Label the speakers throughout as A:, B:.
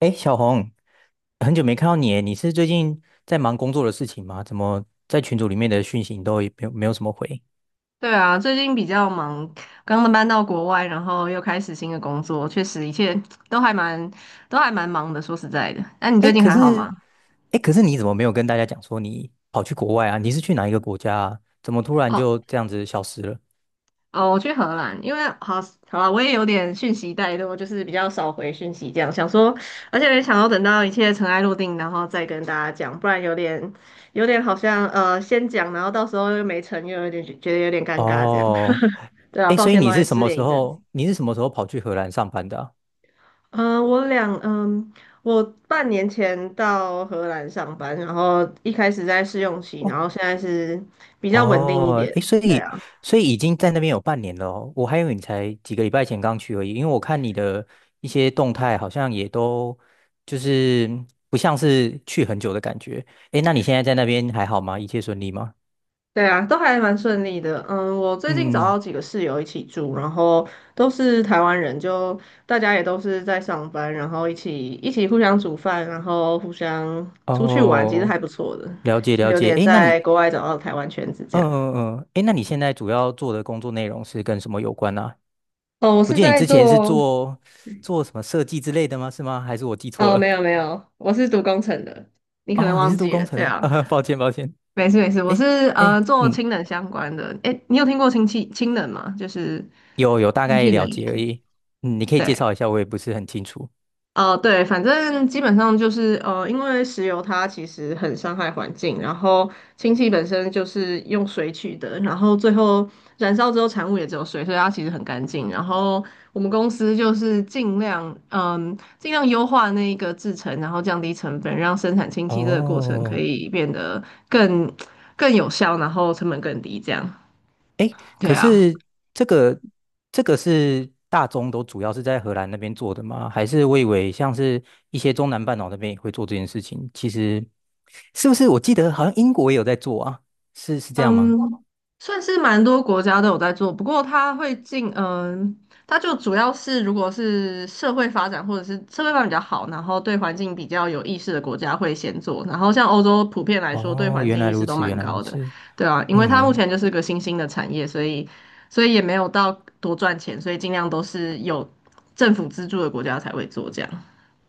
A: 哎，小红，很久没看到你耶，你是最近在忙工作的事情吗？怎么在群组里面的讯息你都也没有什么回？
B: 对啊，最近比较忙，刚刚搬到国外，然后又开始新的工作，确实一切都还蛮都还蛮忙的。说实在的，你
A: 哎，
B: 最近
A: 可
B: 还好吗？
A: 是哎，可是你怎么没有跟大家讲说你跑去国外啊？你是去哪一个国家啊？怎么突然
B: 哦
A: 就这样子消失了？
B: 哦，我去荷兰，因为好好了，我也有点讯息怠惰，就是比较少回讯息，这样想说，而且也想要等到一切尘埃落定，然后再跟大家讲，不然有点好像先讲，然后到时候又没成，又有点觉得有点尴尬这样。
A: 哦，
B: 对啊，
A: 哎，
B: 抱
A: 所以
B: 歉
A: 你
B: 抱
A: 是
B: 歉，
A: 什
B: 失
A: 么
B: 联
A: 时
B: 一阵
A: 候？
B: 子。
A: 你是什么时候跑去荷兰上班的啊？
B: 嗯，我俩，嗯，我半年前到荷兰上班，然后一开始在试用期，然
A: 哦
B: 后现在是比较稳定一
A: 哦，
B: 点。
A: 诶，所
B: 对
A: 以
B: 啊，
A: 所以已经在那边有半年了哦，我还以为你才几个礼拜前刚去而已，因为我看你的一些动态好像也都就是不像是去很久的感觉。诶，那你现在在那边还好吗？一切顺利吗？
B: 对啊，都还蛮顺利的。嗯，我最近找
A: 嗯，
B: 到几个室友一起住，然后都是台湾人，就大家也都是在上班，然后一起互相煮饭，然后互相出去玩，其实还
A: 哦，
B: 不错的，
A: 了解
B: 就
A: 了
B: 有
A: 解。
B: 点
A: 诶，
B: 在国外找到台湾圈子这
A: 嗯
B: 样。
A: 嗯嗯，诶，那你现在主要做的工作内容是跟什么有关呢啊？
B: 哦，我
A: 我
B: 是
A: 记得你
B: 在
A: 之前是
B: 做
A: 做什么设计之类的吗？是吗？还是我记错
B: 哦，没
A: 了？
B: 有没有，我是读工程的。你 可能
A: 哦，你
B: 忘
A: 是读
B: 记
A: 工
B: 了，
A: 程
B: 对
A: 的，
B: 啊，
A: 啊，抱歉抱歉。
B: 没事没事，我
A: 哎
B: 是
A: 哎，
B: 做
A: 嗯，
B: 氢能相关的。诶，你有听过氢气氢能吗？就是
A: 有大
B: 氢
A: 概
B: 气能
A: 了
B: 源，
A: 解而已。嗯，你可以
B: 对。
A: 介绍一下，我也不是很清楚。
B: 哦，对，反正基本上就是因为石油它其实很伤害环境，然后氢气本身就是用水取的，然后最后燃烧之后产物也只有水，所以它其实很干净。然后我们公司就是尽量优化那一个制成，然后降低成本，让生产氢气这个过程可
A: 哦，
B: 以变得更更有效，然后成本更低，这样。对
A: 可
B: 啊。
A: 是这个这个是大宗都主要是在荷兰那边做的吗？还是我以为像是一些中南半岛那边也会做这件事情？其实是不是我记得好像英国也有在做啊？是这样吗？
B: 嗯，算是蛮多国家都有在做，不过它会进，嗯，它就主要是如果是社会发展或者是社会发展比较好，然后对环境比较有意识的国家会先做，然后像欧洲普遍来说对
A: 哦，
B: 环
A: 原
B: 境
A: 来
B: 意识
A: 如
B: 都
A: 此，
B: 蛮
A: 原来如
B: 高的，
A: 此。
B: 对啊，因为它目
A: 嗯。
B: 前就是个新兴的产业，所以也没有到多赚钱，所以尽量都是有政府资助的国家才会做这样，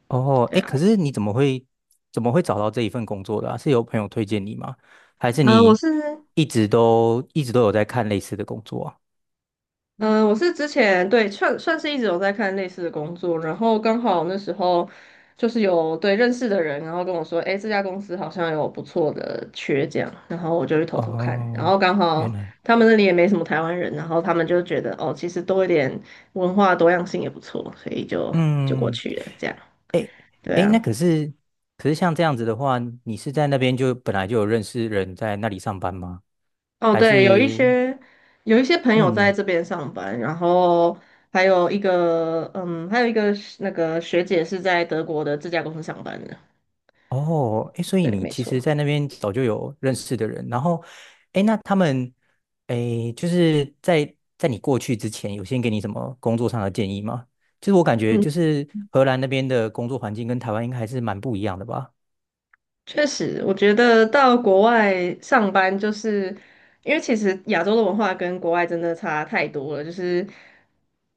A: 哦，
B: 对
A: 哎，
B: 啊，
A: 可是你怎么会找到这一份工作的啊？是有朋友推荐你吗？还是
B: 我
A: 你
B: 是。
A: 一直都有在看类似的工作啊？
B: 嗯，我是之前对算是一直有在看类似的工作，然后刚好那时候就是有对认识的人，然后跟我说，诶，这家公司好像有不错的缺这样，然后我就去偷偷看，然
A: 哦，
B: 后刚
A: 原
B: 好
A: 来，
B: 他们那里也没什么台湾人，然后他们就觉得哦，其实多一点文化多样性也不错，所以就过
A: 嗯，
B: 去了这样，
A: 哎
B: 对
A: 哎，那
B: 啊。
A: 可是像这样子的话，你是在那边就本来就有认识人在那里上班吗？
B: 哦，
A: 还
B: 对，有一
A: 是
B: 些有一些朋友在
A: 嗯？
B: 这边上班，然后还有一个那个学姐是在德国的这家公司上班的。
A: 哦，哎，所以
B: 对，
A: 你
B: 没
A: 其实，
B: 错。
A: 在那边早就有认识的人，然后，哎，那他们，哎，就是在你过去之前，有先给你什么工作上的建议吗？就是我感觉，
B: 嗯，
A: 就是荷兰那边的工作环境跟台湾应该还是蛮不一样的吧？
B: 确实，我觉得到国外上班，就是因为其实亚洲的文化跟国外真的差太多了，就是。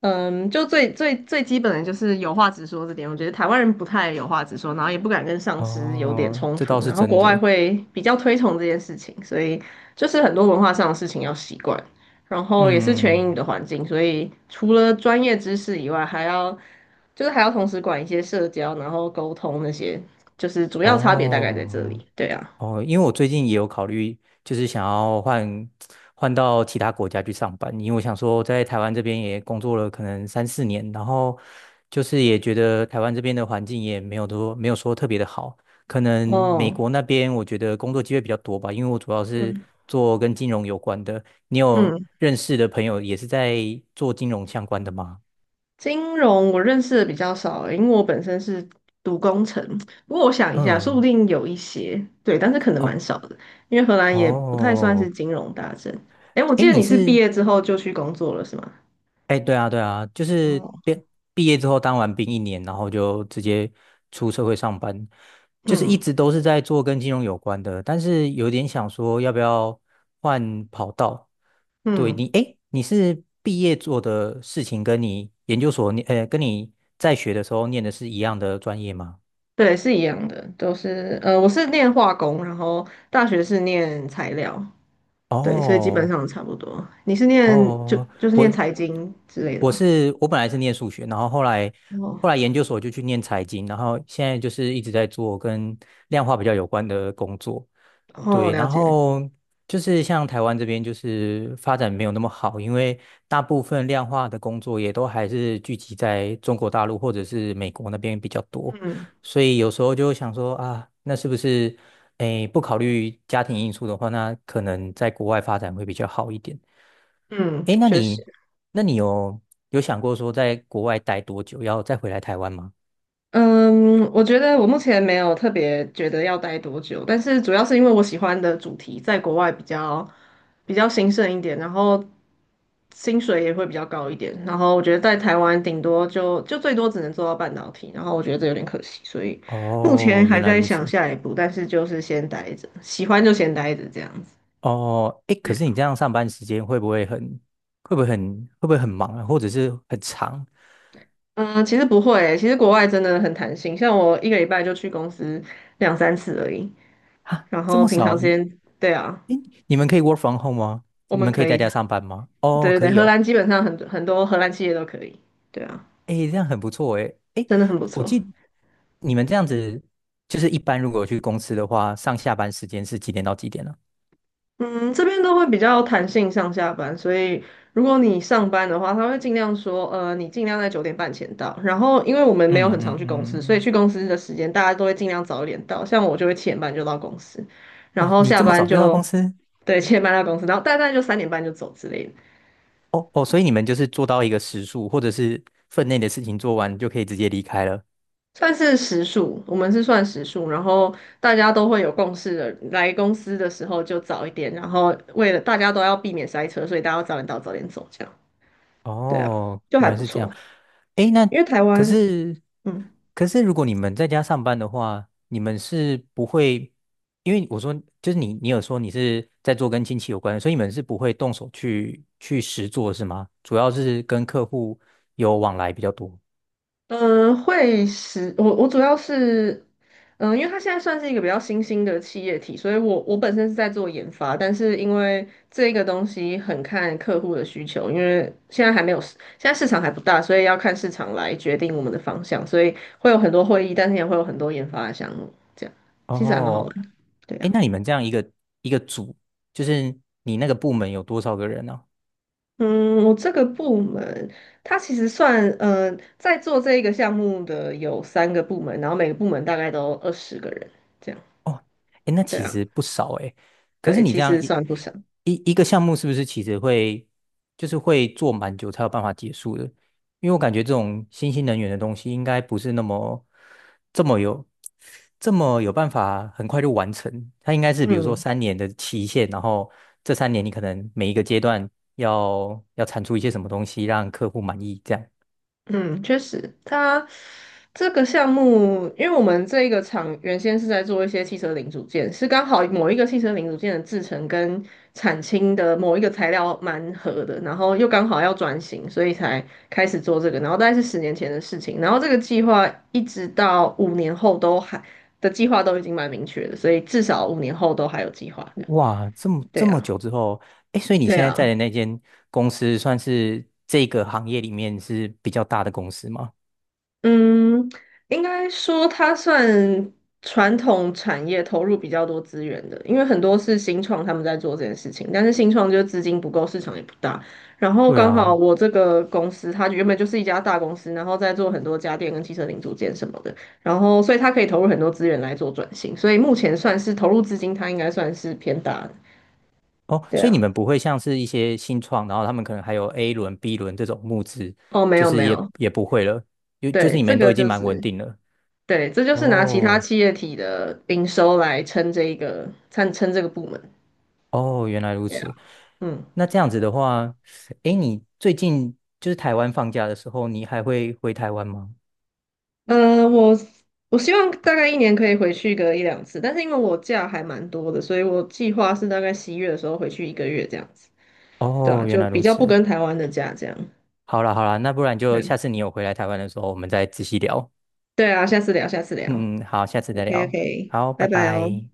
B: 嗯，就最基本的就是有话直说这点，我觉得台湾人不太有话直说，然后也不敢跟上司有点
A: 哦，
B: 冲
A: 这倒
B: 突，
A: 是
B: 然后
A: 真
B: 国外
A: 的。
B: 会比较推崇这件事情，所以就是很多文化上的事情要习惯，然后也是全英语
A: 嗯，
B: 的环境，所以除了专业知识以外，还要同时管一些社交，然后沟通那些，就是主要差别大概在这
A: 哦，
B: 里。对啊，
A: 哦，因为我最近也有考虑，就是想要换到其他国家去上班，因为我想说在台湾这边也工作了可能3、4年，然后就是也觉得台湾这边的环境也没有多没有说特别的好，可能美
B: 哦，
A: 国那边我觉得工作机会比较多吧，因为我主要是
B: 嗯
A: 做跟金融有关的。你有
B: 嗯。
A: 认识的朋友也是在做金融相关的吗？
B: 金融我认识的比较少，因为我本身是读工程。不过我想一下，说不
A: 嗯，
B: 定有一些，对，但是可能蛮
A: 哦
B: 少的，因为荷兰也不太算是
A: 哦，
B: 金融大镇。诶，我
A: 哎，
B: 记得你是毕业之后就去工作了，是吗？
A: 哎，对啊，对啊，就是
B: 哦，
A: 毕业之后当完兵一年，然后就直接出社会上班，就是一
B: 嗯
A: 直都是在做跟金融有关的，但是有点想说要不要换跑道。
B: 嗯，
A: 哎，你是毕业做的事情跟你研究所念，呃，跟你在学的时候念的是一样的专业吗？
B: 对，是一样的，都是我是念化工，然后大学是念材料，对，所以基本
A: 哦
B: 上差不多。你是念
A: 哦，
B: 就是念
A: 我
B: 财经之类的
A: 我
B: 吗？
A: 是我本来是念数学，然后后来
B: 哦，
A: 后来研究所就去念财经，然后现在就是一直在做跟量化比较有关的工作。
B: 哦，
A: 对，
B: 了
A: 然
B: 解，
A: 后就是像台湾这边就是发展没有那么好，因为大部分量化的工作也都还是聚集在中国大陆或者是美国那边比较多，
B: 嗯
A: 所以有时候就想说啊，那是不是诶不考虑家庭因素的话，那可能在国外发展会比较好一点。
B: 嗯，
A: 诶，那
B: 确实。
A: 你那你有想过说在国外待多久，要再回来台湾吗？
B: 嗯，我觉得我目前没有特别觉得要待多久，但是主要是因为我喜欢的主题在国外比较兴盛一点，然后薪水也会比较高一点，然后我觉得在台湾顶多就最多只能做到半导体，然后我觉得这有点可惜，所以目前
A: 哦，
B: 还
A: 原来
B: 在
A: 如
B: 想
A: 此。
B: 下一步，但是就是先待着，喜欢就先待着这样子。
A: 哦，诶，可是你这样上班时间会不会很忙啊，或者是很长
B: 嗯，其实不会欸其实国外真的很弹性，像我一个礼拜就去公司两三次而已，
A: 啊？
B: 然
A: 这
B: 后
A: 么
B: 平常
A: 少，
B: 时间，对啊，
A: 诶，你们可以 work from home 吗？
B: 我
A: 你
B: 们
A: 们可以
B: 可
A: 在
B: 以。
A: 家上班吗？哦，
B: 对对
A: 可
B: 对，
A: 以
B: 荷
A: 哦。
B: 兰基本上很多荷兰企业都可以，对啊，
A: 诶，这样很不错诶。诶，
B: 真的很不
A: 我
B: 错。
A: 记你们这样子，就是一般如果去公司的话，上下班时间是几点到几点呢？
B: 嗯，这边都会比较弹性上下班，所以如果你上班的话，他会尽量说，你尽量在9:30前到。然后，因为我们没有
A: 嗯
B: 很
A: 嗯
B: 常去公
A: 嗯
B: 司，所以
A: 嗯，嗯
B: 去公司的时间大家都会尽量早一点到。像我就会七点半就到公司，然
A: 哦，
B: 后
A: 你
B: 下
A: 这么
B: 班
A: 早就到公
B: 就
A: 司？
B: 对七点半到公司，然后大概就3:30就走之类的。
A: 哦哦，所以你们就是做到一个时数，或者是分内的事情做完就可以直接离开了。
B: 算是时数，我们是算时数，然后大家都会有共识的。来公司的时候就早一点，然后为了大家都要避免塞车，所以大家要早点到，早点走，这样。对啊，
A: 哦，
B: 就还
A: 原来
B: 不
A: 是这样。
B: 错。
A: 诶，那
B: 因为台
A: 可
B: 湾，
A: 是
B: 嗯，
A: 可是如果你们在家上班的话，你们是不会，因为我说就是你有说你是在做跟亲戚有关的所以你们是不会动手去实做是吗？主要是跟客户有往来比较多。
B: 嗯，会使我主要是，嗯，因为它现在算是一个比较新兴的企业体，所以我本身是在做研发，但是因为这个东西很看客户的需求，因为现在市场还不大，所以要看市场来决定我们的方向，所以会有很多会议，但是也会有很多研发的项目，这样其实还蛮好玩，
A: 哦，
B: 对
A: 诶，
B: 啊。
A: 那你们这样一个组，就是你那个部门有多少个人呢？
B: 嗯，我这个部门，它其实算，在做这一个项目的有三个部门，然后每个部门大概都20个人，这样。
A: 哦，哎，那
B: 对
A: 其
B: 啊。
A: 实不少哎。可是
B: 对，
A: 你
B: 其
A: 这样
B: 实
A: 一
B: 算不少。
A: 一一个项目，是不是其实会就是会做蛮久才有办法结束的？因为我感觉这种新兴能源的东西，应该不是那么这么有这么有办法很快就完成。它应该是比如说
B: 嗯
A: 三年的期限，然后这三年你可能每一个阶段要产出一些什么东西，让客户满意，这样。
B: 嗯，确实，它这个项目，因为我们这一个厂原先是在做一些汽车零组件，是刚好某一个汽车零组件的制成跟产氢的某一个材料蛮合的，然后又刚好要转型，所以才开始做这个。然后大概是10年前的事情，然后这个计划一直到五年后都还的计划都已经蛮明确的，所以至少五年后都还有计划这样。
A: 哇，这么
B: 对
A: 这么
B: 啊，
A: 久之后，哎，所以你
B: 对
A: 现在在
B: 啊。
A: 的那间公司算是这个行业里面是比较大的公司吗？
B: 嗯，应该说它算传统产业投入比较多资源的，因为很多是新创他们在做这件事情，但是新创就是资金不够，市场也不大。然后
A: 对
B: 刚好
A: 啊，
B: 我这个公司，它原本就是一家大公司，然后在做很多家电跟汽车零组件什么的，然后所以它可以投入很多资源来做转型，所以目前算是投入资金，它应该算是偏大的。
A: 哦，
B: 对
A: 所以你
B: 啊，
A: 们不会像是一些新创，然后他们可能还有 A 轮、B 轮这种募资，
B: 哦，没
A: 就
B: 有
A: 是
B: 没
A: 也
B: 有，
A: 也不会了，就是
B: 对，
A: 你
B: 这
A: 们都
B: 个
A: 已经
B: 就
A: 蛮稳
B: 是。
A: 定了。
B: 对，这就是拿其他
A: 哦
B: 企业体的营收来撑这一个，撑这个部门。
A: 哦，原来如
B: 对啊，
A: 此。
B: 嗯，
A: 那这样子的话，哎，你最近就是台湾放假的时候，你还会回台湾吗？
B: 呃，我我希望大概一年可以回去个一两次，但是因为我假还蛮多的，所以我计划是大概11月的时候回去一个月这样子。对啊，
A: 哦，原
B: 就
A: 来
B: 比
A: 如
B: 较不
A: 此。
B: 跟台湾的假这样。
A: 好啦好啦，那不然就下
B: 嗯，
A: 次你有回来台湾的时候，我们再仔细聊。
B: 对啊，下次聊，下次聊。
A: 嗯，好，下次再
B: OK
A: 聊。
B: OK，
A: 好，拜
B: 拜拜哦。
A: 拜。